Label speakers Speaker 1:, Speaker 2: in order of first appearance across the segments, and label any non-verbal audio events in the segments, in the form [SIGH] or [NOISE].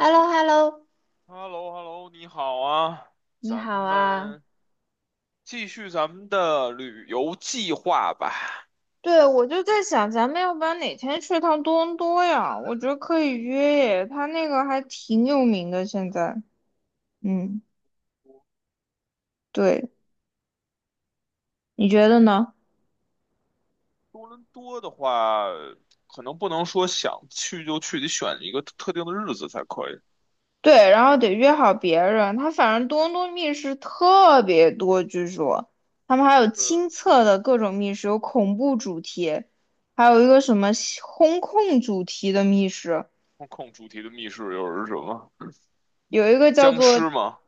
Speaker 1: h e l l o h e l l o
Speaker 2: h e l l o h e l l o 你好啊，
Speaker 1: 你
Speaker 2: 咱
Speaker 1: 好啊，
Speaker 2: 们继续咱们的旅游计划吧。
Speaker 1: 对，我就在想，咱们要不然哪天去趟多伦多呀？我觉得可以约耶，他那个还挺有名的。现在，嗯，对，你觉得呢？
Speaker 2: 多伦多的话，可能不能说想去就去，得选一个特定的日子才可以。
Speaker 1: 对，然后得约好别人。他反正多伦多密室特别多，据说他们还有
Speaker 2: 对，
Speaker 1: 亲测的各种密室，有恐怖主题，还有一个什么西轰控主题的密室，
Speaker 2: 控控主题的密室又是什么？
Speaker 1: 有一个叫
Speaker 2: 僵
Speaker 1: 做
Speaker 2: 尸吗？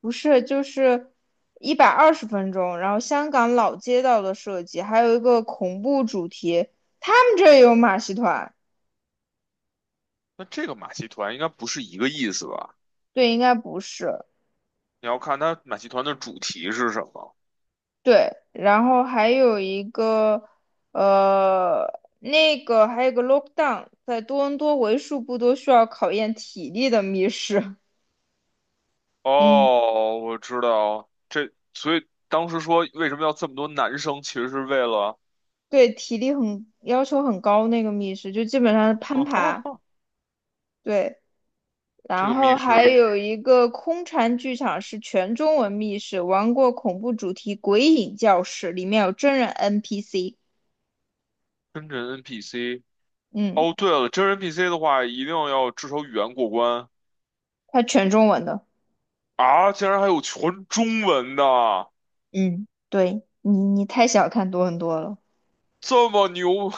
Speaker 1: 不是，就是120分钟，然后香港老街道的设计，还有一个恐怖主题，他们这也有马戏团，
Speaker 2: 那这个马戏团应该不是一个意思吧？
Speaker 1: 对，应该不是，
Speaker 2: 你要看它马戏团的主题是什么。
Speaker 1: 对，然后还有一个，那个还有个 lockdown，在多伦多为数不多需要考验体力的密室，嗯，
Speaker 2: 哦，我知道，这，所以当时说为什么要这么多男生，其实是为了
Speaker 1: [LAUGHS] 对，体力很要求很高那个密室，就基本上是攀爬，
Speaker 2: [LAUGHS]。
Speaker 1: 对。
Speaker 2: 这
Speaker 1: 然
Speaker 2: 个密
Speaker 1: 后
Speaker 2: 室
Speaker 1: 还
Speaker 2: 的。
Speaker 1: 有一个空蝉剧场是全中文密室，玩过恐怖主题《鬼影教室》，里面有真人 NPC，
Speaker 2: 真人 NPC。
Speaker 1: 嗯，
Speaker 2: 哦，对了，真人 NPC 的话，一定要至少语言过关
Speaker 1: 它全中文的，
Speaker 2: 啊！竟然还有全中文的，
Speaker 1: 嗯，对你太小看多伦多了，
Speaker 2: 这么牛，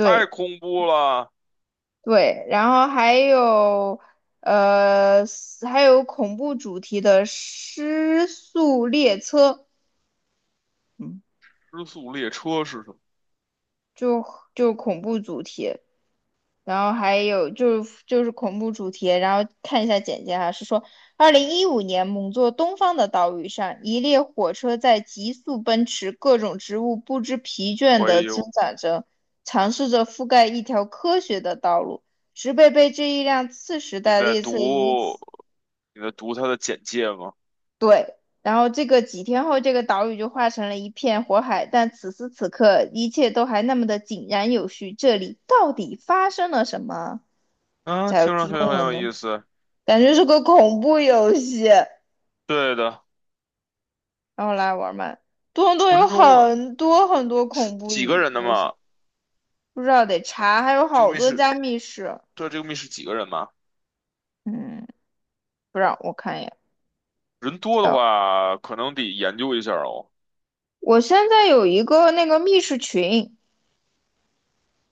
Speaker 2: 太恐怖了！
Speaker 1: 对，然后呃还有恐怖主题的《失速列车》，嗯，
Speaker 2: 《失速列车》是什么？
Speaker 1: 就就恐怖主题，然后还有就是恐怖主题，然后看一下简介哈，是说2015年某座东方的岛屿上，一列火车在急速奔驰，各种植物不知疲倦
Speaker 2: 怀
Speaker 1: 地
Speaker 2: 疑
Speaker 1: 生
Speaker 2: 我
Speaker 1: 长着，尝试着覆盖一条科学的道路，植被被这一辆次时
Speaker 2: 你
Speaker 1: 代
Speaker 2: 在
Speaker 1: 列车以
Speaker 2: 读
Speaker 1: 此
Speaker 2: 你在读它的简介吗？
Speaker 1: 对。然后这个几天后，这个岛屿就化成了一片火海，但此时此刻，一切都还那么的井然有序。这里到底发生了什么？
Speaker 2: 啊，听上去很有意思。
Speaker 1: 感觉是个恐怖游戏，
Speaker 2: 对的，
Speaker 1: 然后来玩嘛。多伦多有
Speaker 2: 纯中文，
Speaker 1: 很多很多恐怖
Speaker 2: 几个
Speaker 1: 椅，
Speaker 2: 人的嘛？
Speaker 1: 不知道得查，还有
Speaker 2: 这个
Speaker 1: 好
Speaker 2: 密
Speaker 1: 多
Speaker 2: 室，
Speaker 1: 家密室。
Speaker 2: 对，这个密室几个人嘛？
Speaker 1: 嗯，不知道我看一眼。
Speaker 2: 人多的
Speaker 1: 叫
Speaker 2: 话，可能得研究一下哦。
Speaker 1: 我现在有一个那个密室群，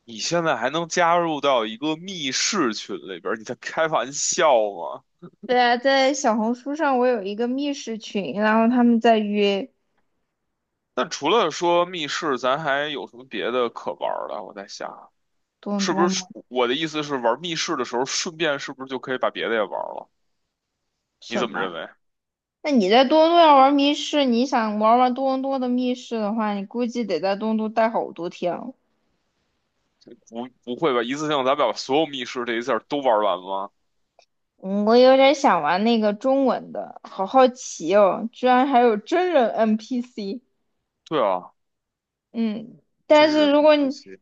Speaker 2: 你现在还能加入到一个密室群里边儿，你在开玩笑吗？
Speaker 1: 对啊，在小红书上我有一个密室群，然后他们在约
Speaker 2: 那除了说密室，咱还有什么别的可玩儿的？我在想，
Speaker 1: 多伦
Speaker 2: 是
Speaker 1: 多
Speaker 2: 不是
Speaker 1: 吗？
Speaker 2: 我的意思是，玩密室的时候，顺便是不是就可以把别的也玩儿了？你
Speaker 1: 什
Speaker 2: 怎么
Speaker 1: 么啊？
Speaker 2: 认为？
Speaker 1: 那你在多伦多要玩密室，你想玩玩多伦多的密室的话，你估计得在多伦多待好多天哦
Speaker 2: 不，不会吧？一次性咱把所有密室这一下都玩完吗？
Speaker 1: 嗯，我有点想玩那个中文的，好好奇哦，居然还有真人 NPC。
Speaker 2: 对啊，
Speaker 1: 嗯，
Speaker 2: 真
Speaker 1: 但是
Speaker 2: 人
Speaker 1: 如
Speaker 2: 的
Speaker 1: 果
Speaker 2: 解
Speaker 1: 你
Speaker 2: 析，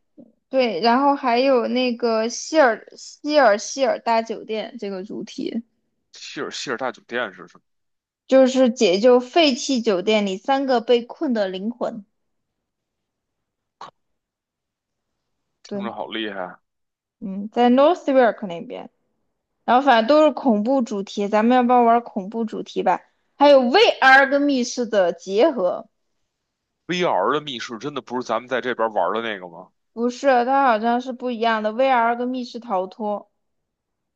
Speaker 1: 对，然后还有那个希尔大酒店这个主题，
Speaker 2: 希尔希尔大酒店是什么？
Speaker 1: 就是解救废弃酒店里3个被困的灵魂。
Speaker 2: 听
Speaker 1: 对，
Speaker 2: 着好厉害
Speaker 1: 嗯，在 Northwark 那边，然后反正都是恐怖主题，咱们要不要玩恐怖主题吧？还有 VR 跟密室的结合，
Speaker 2: ！VR 的密室真的不是咱们在这边玩的那个吗？
Speaker 1: 不是，它好像是不一样的。VR 跟密室逃脱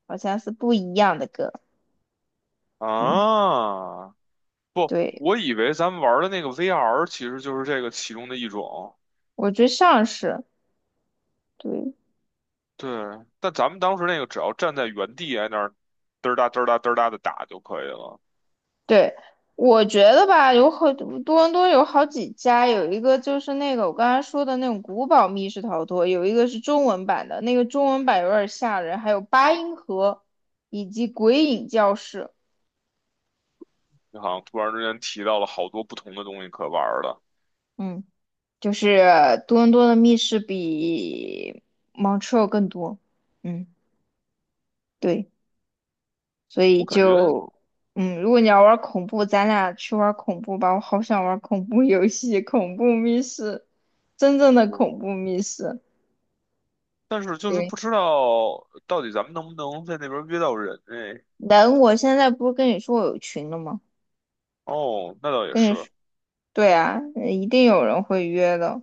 Speaker 1: 好像是不一样的歌。嗯，
Speaker 2: 啊，不，
Speaker 1: 对，
Speaker 2: 我以为咱们玩的那个 VR 其实就是这个其中的一种。
Speaker 1: 我觉得像是，对
Speaker 2: 对，但咱们当时那个只要站在原地在那儿嘚儿哒嘚儿哒嘚儿哒的打就可以了。
Speaker 1: 对，我觉得吧，有很多伦多有好几家，有一个就是那个我刚才说的那种古堡密室逃脱，有一个是中文版的，那个中文版有点吓人，还有八音盒以及鬼影教室。
Speaker 2: 你好像突然之间提到了好多不同的东西可玩儿的，
Speaker 1: 嗯，就是多伦多的密室比 Montreal 更多。嗯，对。所以
Speaker 2: 我感觉，
Speaker 1: 就，嗯，如果你要玩恐怖，咱俩去玩恐怖吧。我好想玩恐怖游戏，恐怖密室，真正的
Speaker 2: 嗯，
Speaker 1: 恐怖密室。
Speaker 2: 但是就是
Speaker 1: 对，
Speaker 2: 不知道到底咱们能不能在那边约到人哎。
Speaker 1: 能？我现在不是跟你说我有群了吗？
Speaker 2: 哦，那倒也
Speaker 1: 跟你
Speaker 2: 是，
Speaker 1: 说，对啊，一定有人会约的。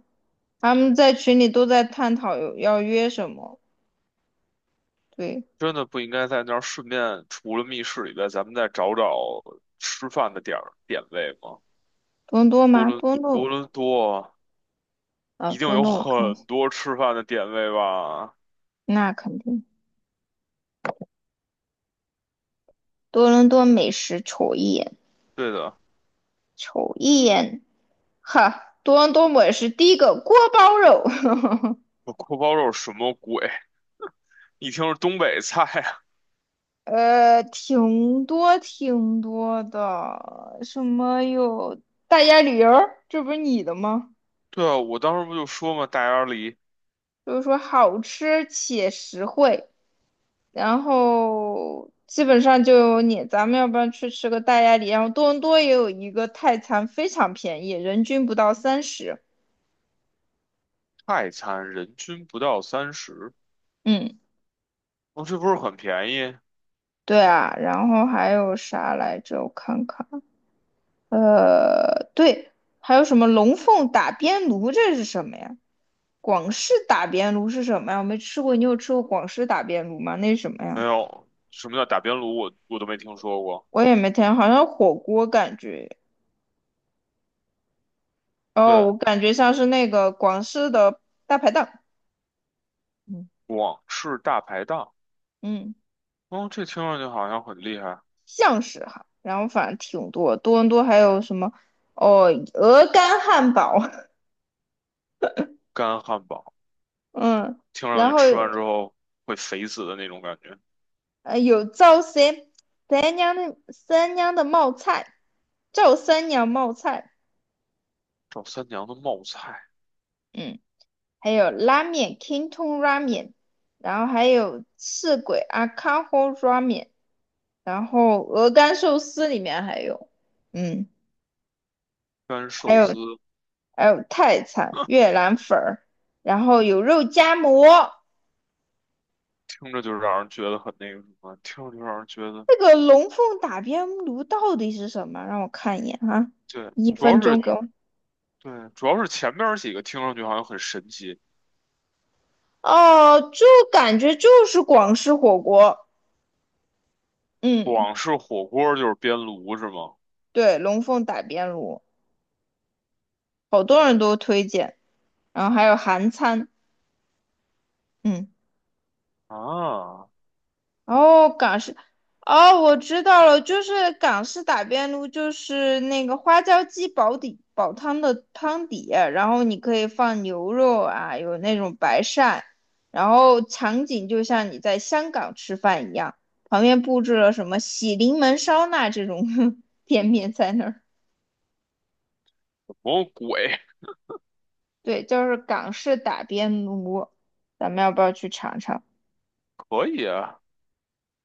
Speaker 1: 他们在群里都在探讨有要约什么。对，
Speaker 2: 真的不应该在那儿顺便除了密室以外，咱们再找找吃饭的点儿点位吗？
Speaker 1: 多伦多
Speaker 2: 多
Speaker 1: 吗？
Speaker 2: 伦
Speaker 1: 多伦
Speaker 2: 多
Speaker 1: 多
Speaker 2: 伦多。
Speaker 1: 啊，
Speaker 2: 一定
Speaker 1: 多伦
Speaker 2: 有
Speaker 1: 多，我看一下，
Speaker 2: 很多吃饭的点位吧？
Speaker 1: 那肯定。多伦多美食瞅一眼，
Speaker 2: 对的，
Speaker 1: 瞅一眼。哈，多伦多美食第一个锅包肉，
Speaker 2: 我锅包肉什么鬼？一听是东北菜啊。
Speaker 1: [LAUGHS] 挺多挺多的，什么有大鸭驴儿，这不是你的吗？
Speaker 2: [LAUGHS] 对啊，我当时不就说嘛，大鸭梨
Speaker 1: 就是说好吃且实惠，然后基本上就有你，咱们要不然去吃个大鸭梨，然后多伦多也有一个泰餐，非常便宜，人均不到30，
Speaker 2: 快餐人均不到30，
Speaker 1: 嗯，
Speaker 2: 哦，这不是很便宜？
Speaker 1: 对啊，然后还有啥来着？我看看。对，还有什么龙凤打边炉？这是什么呀？广式打边炉是什么呀？我没吃过，你有吃过广式打边炉吗？那是什么
Speaker 2: 没
Speaker 1: 呀？
Speaker 2: 有，什么叫打边炉？我都没听说过。
Speaker 1: 我也没听，好像火锅感觉。哦，
Speaker 2: 对，
Speaker 1: 我感觉像是那个广式的大排档，嗯
Speaker 2: 广式大排档，
Speaker 1: 嗯，
Speaker 2: 哦，这听上去好像很厉害。
Speaker 1: 像是哈。然后反正挺多，多伦多还有什么哦，鹅肝汉堡，
Speaker 2: 干汉堡，
Speaker 1: [LAUGHS] 嗯，
Speaker 2: 听上
Speaker 1: 然
Speaker 2: 去
Speaker 1: 后
Speaker 2: 吃完之后会肥死的那种感觉。
Speaker 1: 有赵三娘的冒菜，赵三娘冒菜，
Speaker 2: 赵三娘的冒菜，
Speaker 1: 嗯，还有拉面 Kinton Ramen，然后还有赤鬼 Akaho Ramen，然后鹅肝寿司里面还有，嗯，
Speaker 2: 干
Speaker 1: 还
Speaker 2: 寿
Speaker 1: 有
Speaker 2: 司。
Speaker 1: 还有泰餐越南粉儿，然后有肉夹馍。
Speaker 2: 听着就让人觉得很那个什么，听着就让人觉得，
Speaker 1: 这个龙凤打边炉到底是什么？让我看一眼哈，
Speaker 2: 对，
Speaker 1: 一
Speaker 2: 主要
Speaker 1: 分
Speaker 2: 是
Speaker 1: 钟给我。
Speaker 2: 对，主要是前面几个听上去好像很神奇，
Speaker 1: 哦，就感觉就是广式火锅，嗯，
Speaker 2: 广式火锅就是边炉是吗？
Speaker 1: 对，龙凤打边炉，好多人都推荐。然后还有韩餐，嗯，
Speaker 2: 啊，
Speaker 1: 哦，港式，哦，我知道了，就是港式打边炉，就是那个花椒鸡煲底煲汤的汤底，然后你可以放牛肉啊，有那种白鳝，然后场景就像你在香港吃饭一样，旁边布置了什么喜临门烧腊这种 [LAUGHS] 店面在那儿。
Speaker 2: 什么鬼？
Speaker 1: 对，就是港式打边炉，咱们要不要去尝尝？
Speaker 2: [LAUGHS] 可以啊，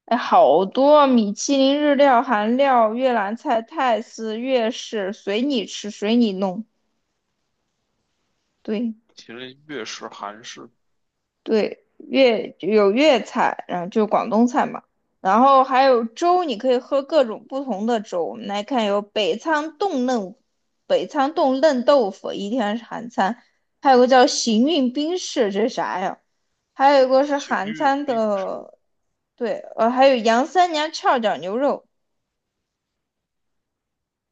Speaker 1: 哎，好多米其林、日料、韩料、越南菜、泰式、粤式，随你吃，随你弄。对
Speaker 2: 麒麟粤式、韩式、
Speaker 1: 对，粤有粤菜，然后就广东菜嘛，然后还有粥，你可以喝各种不同的粥。我们来看，有北仓冻嫩，北仓冻嫩豆腐，一天是韩餐，还有个叫行运冰室，这是啥呀？还有一个是
Speaker 2: 行
Speaker 1: 韩
Speaker 2: 运
Speaker 1: 餐
Speaker 2: 冰式，
Speaker 1: 的对，还有杨三娘翘脚牛肉，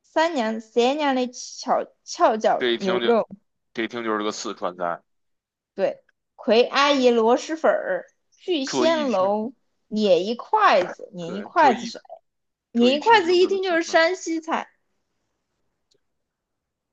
Speaker 1: 三娘的翘脚
Speaker 2: 这一
Speaker 1: 牛
Speaker 2: 听就，
Speaker 1: 肉，
Speaker 2: 这一听就是个四川菜，
Speaker 1: 对，葵阿姨螺蛳粉儿，聚
Speaker 2: 这一
Speaker 1: 仙
Speaker 2: 听，
Speaker 1: 楼捻一筷子，捻一
Speaker 2: 对，这
Speaker 1: 筷子
Speaker 2: 一
Speaker 1: 是
Speaker 2: 这
Speaker 1: 捻
Speaker 2: 一
Speaker 1: 一筷
Speaker 2: 听
Speaker 1: 子，
Speaker 2: 就
Speaker 1: 一
Speaker 2: 是个
Speaker 1: 听就
Speaker 2: 四
Speaker 1: 是
Speaker 2: 川
Speaker 1: 山西菜，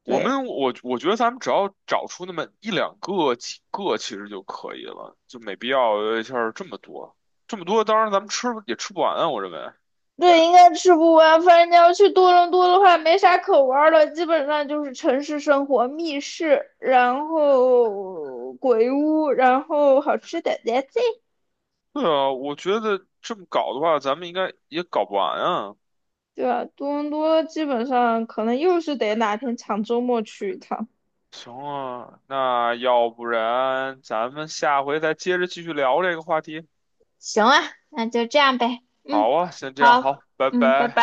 Speaker 2: 我
Speaker 1: 对。
Speaker 2: 们我我觉得咱们只要找出那么一两个几个其实就可以了，就没必要一下儿这么多，这么多当然咱们吃也吃不完啊，我认为。
Speaker 1: 对，应该吃不完。反正你要去多伦多的话，没啥可玩的，基本上就是城市生活、密室，然后鬼屋，然后好吃的 t h a
Speaker 2: 对啊，我觉得这么搞的话，咱们应该也搞不完啊。
Speaker 1: 对啊，多伦多基本上可能又是得哪天抢周末去一趟。
Speaker 2: 行啊，那要不然咱们下回再接着继续聊这个话题。
Speaker 1: 行啊，那就这样呗。
Speaker 2: 好
Speaker 1: 嗯，
Speaker 2: 啊，先这样，
Speaker 1: 好，
Speaker 2: 好，拜
Speaker 1: 嗯，拜
Speaker 2: 拜。
Speaker 1: 拜。